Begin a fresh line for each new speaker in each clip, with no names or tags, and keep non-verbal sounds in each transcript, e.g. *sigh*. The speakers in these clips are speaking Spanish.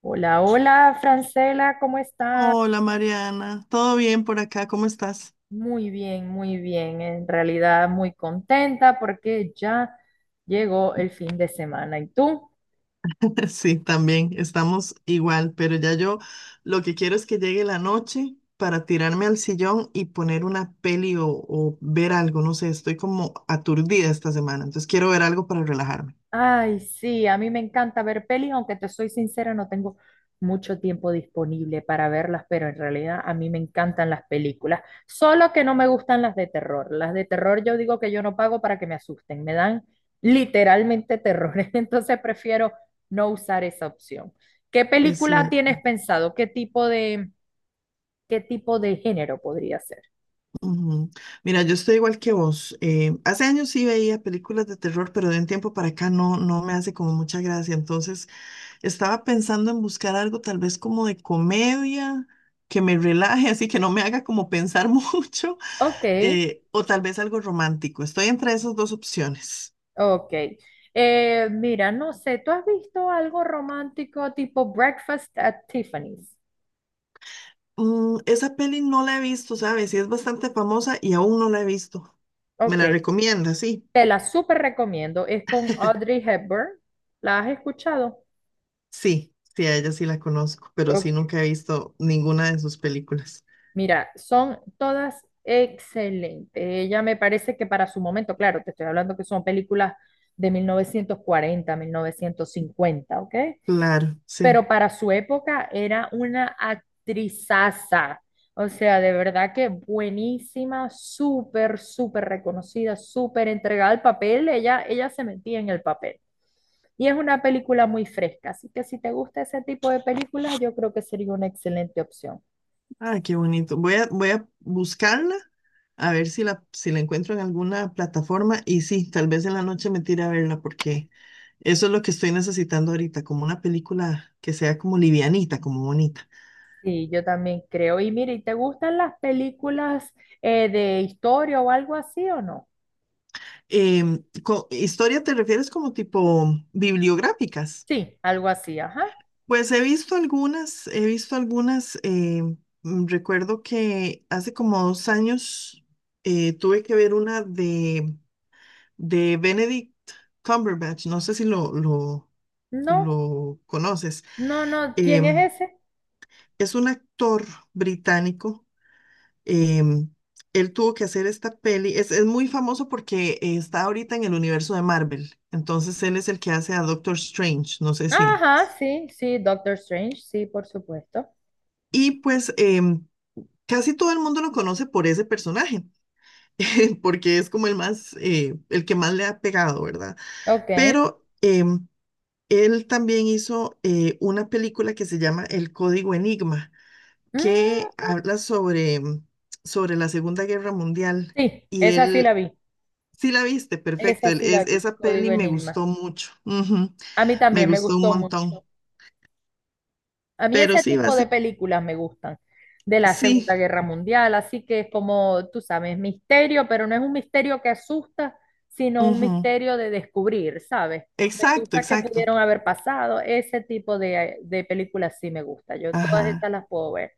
Hola, hola, Francela, ¿cómo estás?
Hola Mariana, ¿todo bien por acá? ¿Cómo estás?
Muy bien, muy bien. En realidad, muy contenta porque ya llegó el fin de semana. ¿Y tú?
*laughs* Sí, también estamos igual, pero ya yo lo que quiero es que llegue la noche para tirarme al sillón y poner una peli o ver algo, no sé, estoy como aturdida esta semana, entonces quiero ver algo para relajarme.
Ay, sí, a mí me encanta ver pelis, aunque te soy sincera, no tengo mucho tiempo disponible para verlas, pero en realidad a mí me encantan las películas, solo que no me gustan las de terror. Las de terror yo digo que yo no pago para que me asusten, me dan literalmente terror, *laughs* entonces prefiero no usar esa opción. ¿Qué
Es
película
cierto.
tienes pensado? ¿Qué tipo de género podría ser?
Ujú. Mira, yo estoy igual que vos. Hace años sí veía películas de terror, pero de un tiempo para acá no me hace como mucha gracia. Entonces estaba pensando en buscar algo tal vez como de comedia, que me relaje, *laughs* así que no me haga como pensar *laughs* mucho,
Ok.
o tal vez algo romántico. Estoy entre esas dos opciones.
Ok. Mira, no sé, ¿tú has visto algo romántico tipo Breakfast at Tiffany's?
Mm, esa peli no la he visto, ¿sabes? Y es bastante famosa y aún no la he visto. ¿Me
Ok.
la recomienda? Sí,
Te la súper recomiendo. Es con Audrey Hepburn. ¿La has escuchado?
sí, sí, a ella sí la conozco, pero sí
Ok.
nunca he visto ninguna de sus películas.
Mira, son todas excelentes. Ella me parece que para su momento, claro, te estoy hablando que son películas de mil novecientos cuarenta, 1950, ¿ok?
Claro, sí.
Pero para su época era una actrizaza. O sea, de verdad que buenísima, súper, súper reconocida, súper entregada al papel. Ella se metía en el papel. Y es una película muy fresca, así que si te gusta ese tipo de películas, yo creo que sería una excelente opción.
Ah, qué bonito. Voy a buscarla a ver si la encuentro en alguna plataforma y sí, tal vez en la noche me tire a verla porque eso es lo que estoy necesitando ahorita, como una película que sea como livianita, como bonita.
Sí, yo también creo. Y mire, ¿te gustan las películas de historia o algo así o no?
¿Historia te refieres como tipo bibliográficas?
Sí, algo así, ajá.
Pues he visto algunas, recuerdo que hace como dos años tuve que ver una de Benedict Cumberbatch, no sé si lo, lo,
No,
lo conoces,
no, no. ¿Quién
em,
es ese?
es un actor británico. em, Él tuvo que hacer esta peli, es muy famoso porque está ahorita en el universo de Marvel, entonces él es el que hace a Doctor Strange, no sé si.
Ajá, sí, sí, Doctor Strange, sí, por supuesto.
Y pues casi todo el mundo lo conoce por ese personaje, *laughs* porque es como el más, el que más le ha pegado, ¿verdad?
Ok.
Pero... eh, Él también hizo una película que se llama El Código Enigma,
Mm,
que habla sobre, sobre la Segunda Guerra Mundial.
sí,
Y
esa sí la
él,
vi.
sí la viste, perfecto.
Esa sí la vi,
Esa
Código
peli me
Enigma.
gustó mucho. Ujú,
A mí
me
también me
gustó un
gustó
montón.
mucho. A mí
Pero
ese
sí,
tipo de
básicamente,
películas me gustan, de la Segunda
sí.
Guerra Mundial, así que es como, tú sabes, misterio, pero no es un misterio que asusta, sino un
Ujú,
misterio de descubrir, ¿sabes? De
exacto,
cosas que
exacto.
pudieron haber pasado. Ese tipo de películas sí me gusta. Yo todas
Ajá,
esas las puedo ver.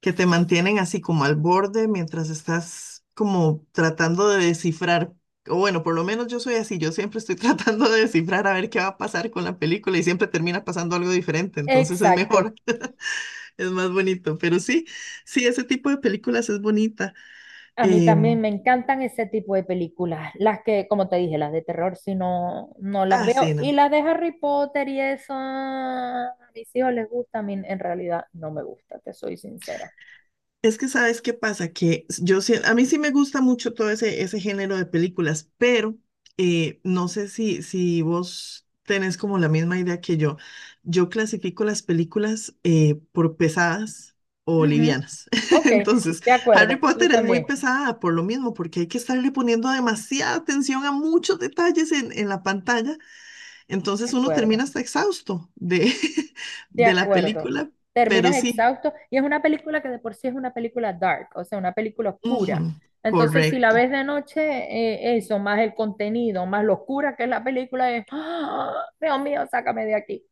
que te mantienen así como al borde mientras estás como tratando de descifrar. O bueno, por lo menos yo soy así, yo siempre estoy *laughs* tratando de descifrar a ver qué va a pasar con la película y siempre termina pasando algo diferente, entonces es
Exacto.
mejor, *laughs* es más bonito, pero sí, sí, ese tipo de películas es bonita.
A mí también
Em,
me encantan ese tipo de películas, las que, como te dije, las de terror, si no, no las
ah,
veo.
sí,
Y
no.
las de Harry Potter y eso, ah, a mis hijos les gusta, a mí en realidad no me gusta, te soy sincera.
Es que sabes qué pasa, que a mí sí me gusta mucho ese género de películas, pero no sé si vos tenés como la misma idea que yo. Yo clasifico las películas por pesadas o
Ujú.
livianas.
Ok,
*laughs* Entonces,
de
Harry
acuerdo, yo
Potter es muy
también,
pesada por lo mismo, porque hay que estarle poniendo demasiada atención a muchos detalles en la pantalla. Entonces
de
uno termina
acuerdo,
hasta exhausto de, *laughs*
de
de la
acuerdo.
película, pero
Terminas
sí.
exhausto y es una película que de por sí es una película dark, o sea, una película oscura.
Ujú,
Entonces, si la
correcto.
ves de noche, eso, más el contenido, más lo oscura que es la película, es, ¡ah, Dios mío, sácame de aquí!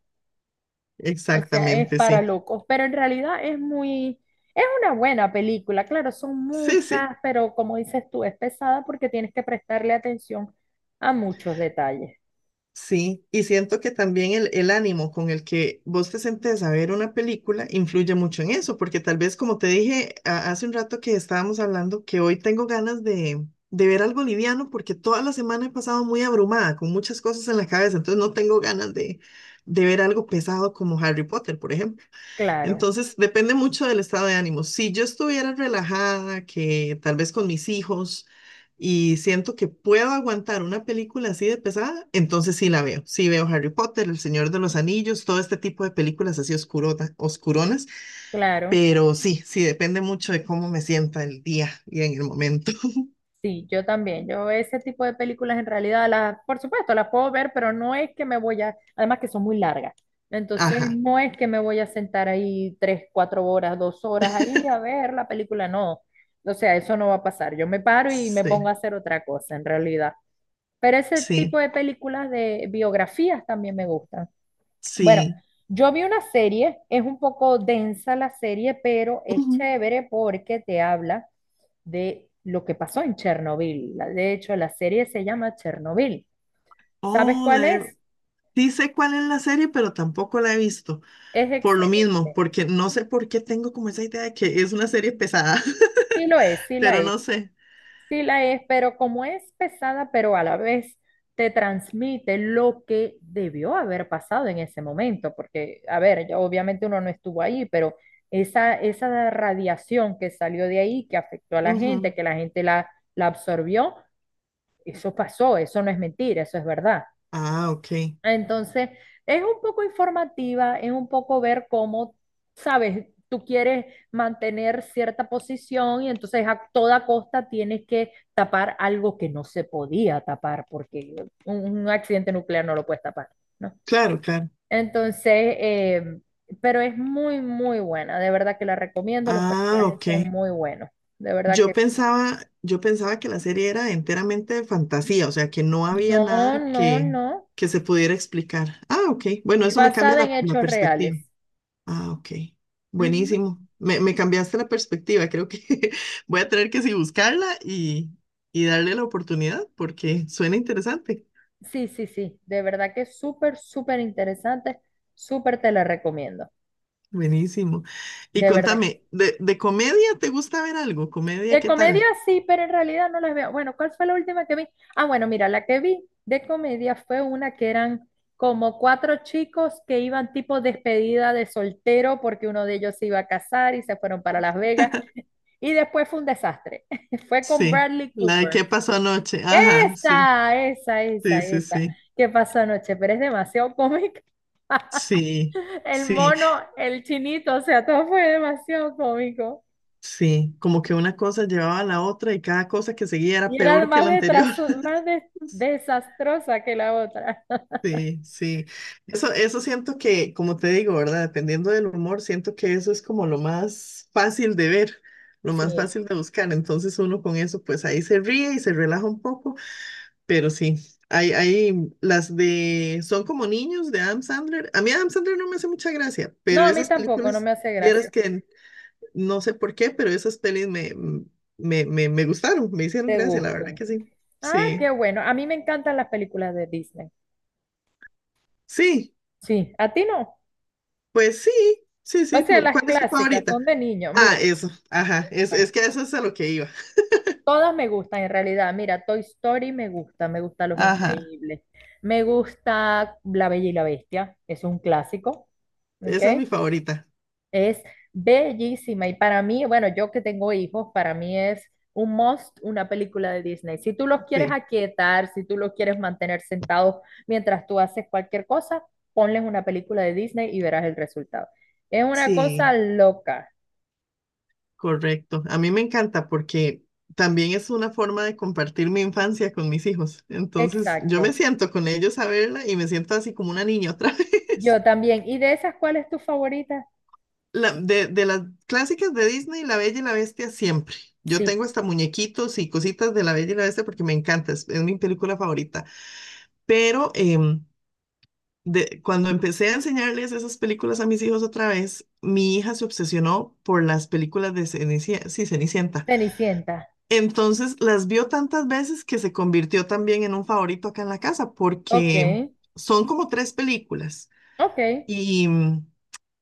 O sea, es
Exactamente,
para
sí.
locos, pero en realidad es muy, es una buena película. Claro, son
Sí, sí,
muchas, pero como dices tú, es pesada porque tienes que prestarle atención a muchos detalles.
sí. Y siento que también el ánimo con el que vos te sentes a ver una película influye mucho en eso, porque tal vez como te dije hace un rato que estábamos hablando, que hoy tengo ganas de ver algo liviano porque toda la semana he pasado muy abrumada con muchas cosas en la cabeza, entonces no tengo ganas de ver algo pesado como Harry Potter, por ejemplo.
Claro,
Entonces, depende mucho del estado de ánimo. Si yo estuviera relajada, que tal vez con mis hijos, y siento que puedo aguantar una película así de pesada, entonces sí la veo. Sí veo Harry Potter, El Señor de los Anillos, todo este tipo de películas así oscuronas,
claro.
pero sí, sí depende mucho de cómo me sienta el día y en el momento. *laughs*
Sí, yo también. Yo ese tipo de películas en realidad las, por supuesto, las puedo ver, pero no es que me voy a, además que son muy largas. Entonces,
Ajá.
no es que me voy a sentar ahí 3, 4 horas, 2 horas ahí a ver la película, no. O sea, eso no va a pasar. Yo me paro y me pongo
Sí,
a hacer otra cosa en realidad. Pero ese tipo
sí,
de películas de biografías también me gustan. Bueno,
sí.
yo vi una serie, es un poco densa la serie, pero es
Ujú.
chévere porque te habla de lo que pasó en Chernobyl. De hecho, la serie se llama Chernobyl. ¿Sabes
Oh,
cuál
la he-
es?
sí sé cuál es la serie, pero tampoco la he visto.
Es
Por lo mismo,
excelente.
porque no sé por qué tengo como esa idea de que es una serie pesada,
Sí lo es,
*laughs* pero no sé.
sí la es, pero como es pesada, pero a la vez te transmite lo que debió haber pasado en ese momento, porque, a ver, ya obviamente uno no estuvo ahí, pero esa radiación que salió de ahí, que afectó a la
Ujú.
gente, que la gente la, la absorbió, eso pasó, eso no es mentira, eso es verdad.
Ah, ok.
Entonces, es un poco informativa, es un poco ver cómo, sabes, tú quieres mantener cierta posición y entonces a toda costa tienes que tapar algo que no se podía tapar porque un accidente nuclear no lo puedes tapar, ¿no?
Claro, claro.
Entonces, eh, pero es muy, muy buena, de verdad que la recomiendo, los
Ah,
personajes
ok.
son muy buenos, de verdad que sí.
Yo pensaba que la serie era enteramente de fantasía, o sea, que no había
No,
nada
no, no,
que se pudiera explicar. Ah, ok. Bueno,
es
eso me cambia
basada en
la
hechos reales.
perspectiva. Ah, ok.
Ujú.
Buenísimo. Me cambiaste la perspectiva. Creo que *laughs* voy a tener que sí buscarla y darle la oportunidad porque suena interesante.
Sí, sí, sí, de verdad que es súper, súper interesante, súper te la recomiendo,
Buenísimo. Y
de verdad que sí.
contame, de comedia te gusta ver algo? ¿Comedia
De
qué
comedia
tal?
sí, pero en realidad no las veo. Bueno, ¿cuál fue la última que vi? Ah, bueno, mira, la que vi de comedia fue una que eran como cuatro chicos que iban tipo despedida de soltero porque uno de ellos se iba a casar y se fueron para Las Vegas
*laughs*
y después fue un desastre. *laughs* Fue con
Sí,
Bradley
la de
Cooper.
qué pasó anoche. Ajá, sí,
Esa, esa,
sí,
esa,
sí,
esa.
sí.
¿Qué pasó anoche? Pero es demasiado cómica.
Sí,
El
sí,
mono, el chinito, o sea, todo fue demasiado cómico.
sí. Como que una cosa llevaba a la otra y cada cosa que seguía era
Y era
peor que
más,
la anterior. *laughs*
desastrosa que la otra.
Sí, sí. Eso siento que, como te digo, ¿verdad? Dependiendo del humor, siento que eso es como lo más fácil de ver, lo más
Sí.
fácil de buscar. Entonces uno con eso, pues ahí se ríe y se relaja un poco. Pero sí, hay las de Son como niños de Adam Sandler. A mí Adam Sandler no me hace mucha gracia,
No,
pero
a mí
esas
tampoco, no
películas,
me hace
vieras
gracia.
que no sé por qué, pero esas pelis me gustaron, me hicieron
¿Te
gracia, la
gusta?
verdad que sí.
Ah, qué
Sí,
bueno. A mí me encantan las películas de Disney.
sí,
Sí. ¿A ti no?
pues sí, sí,
O
sí.
sea,
Pero
las
¿cuál es tu
clásicas
favorita?
son de niño.
Ah,
Mira,
eso, ajá, es que eso es a lo que iba.
todas me gustan en realidad. Mira, Toy Story me gusta Los
Ajá,
Increíbles. Me gusta La Bella y la Bestia, es un clásico, ¿ok?
esa es mi favorita.
Es bellísima y para mí, bueno, yo que tengo hijos, para mí es un must una película de Disney. Si tú los quieres
Sí,
aquietar, si tú los quieres mantener sentados mientras tú haces cualquier cosa, ponles una película de Disney y verás el resultado. Es una cosa
sí.
loca.
Correcto. A mí me encanta porque también es una forma de compartir mi infancia con mis hijos. Entonces, yo
Exacto.
me siento con ellos a verla y me siento así como una niña otra *laughs* vez.
Yo también. ¿Y de esas cuál es tu favorita?
De las clásicas de Disney, La Bella y la Bestia siempre. Yo
Sí,
tengo hasta muñequitos y cositas de La Bella y la Bestia porque me encanta, es mi película favorita. Pero cuando empecé a enseñarles esas películas a mis hijos otra vez, mi hija se obsesionó por las películas de Cenicienta, sí, Cenicienta.
Cenicienta.
Entonces las vio tantas veces que se convirtió también en un favorito acá en la casa,
Ok,
porque son como tres películas
ok.
y,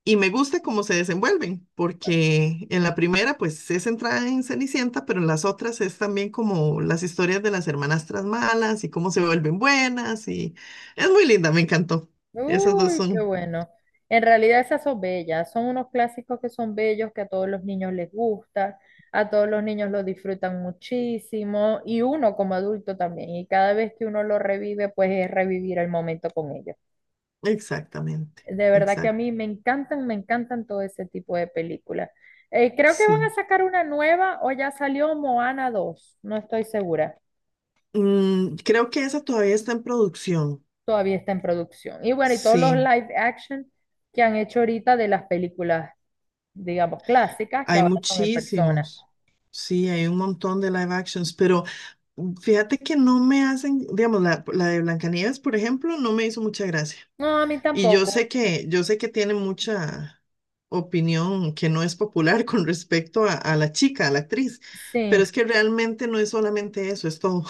y me gusta cómo se desenvuelven, porque en la primera pues es centrada en Cenicienta, pero en las otras es también como las historias de las hermanastras malas y cómo se vuelven buenas y es muy linda, me encantó. Esas dos
Uy, qué
son
bueno. En realidad esas son bellas, son unos clásicos que son bellos, que a todos los niños les gusta, a todos los niños lo disfrutan muchísimo y uno como adulto también. Y cada vez que uno lo revive, pues es revivir el momento con ellos.
exactamente,
De verdad que a
exacto,
mí me encantan todo ese tipo de películas. Creo que van
sí.
a sacar una nueva o ya salió Moana 2, no estoy segura.
Mm, creo que esa todavía está en producción,
Todavía está en producción. Y bueno, y todos los
sí.
live action que han hecho ahorita de las películas, digamos, clásicas, que
Hay
ahora son en persona.
muchísimos, sí, hay un montón de live actions, pero fíjate que no me hacen, digamos, la de Blancanieves, por ejemplo, no me hizo mucha gracia.
No, a mí
Y
tampoco.
yo sé que tiene mucha opinión que no es popular *laughs* con respecto a la chica, a la actriz,
Sí.
pero es que realmente no es solamente eso, es todo,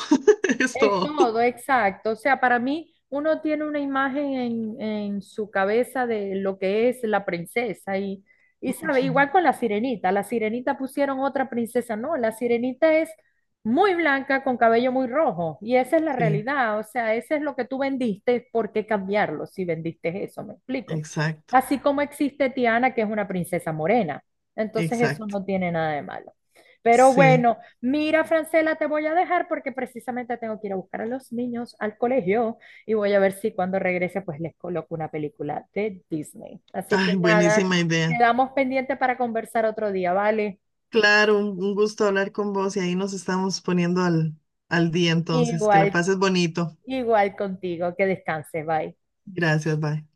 *laughs* es
Es
todo.
todo, exacto. O sea, para mí uno tiene una imagen en su cabeza de lo que es la princesa y sabe, igual con la sirenita. La sirenita pusieron otra princesa, no, la sirenita es muy blanca con cabello muy rojo y esa es la
Sí,
realidad. O sea, ese es lo que tú vendiste, ¿por qué cambiarlo si vendiste eso? ¿Me explico?
exacto,
Así como existe Tiana, que es una princesa morena. Entonces eso
exacto,
no tiene nada de malo. Pero
sí.
bueno. Mira, Francela, te voy a dejar porque precisamente tengo que ir a buscar a los niños al colegio y voy a ver si cuando regrese pues les coloco una película de Disney. Así
Ay,
que nada,
buenísima idea.
quedamos pendientes para conversar otro día, ¿vale?
Claro, un gusto hablar con vos y ahí nos estamos poniendo al día entonces. Que la
Igual,
pases bonito.
igual contigo, que descanses, bye.
Gracias, bye.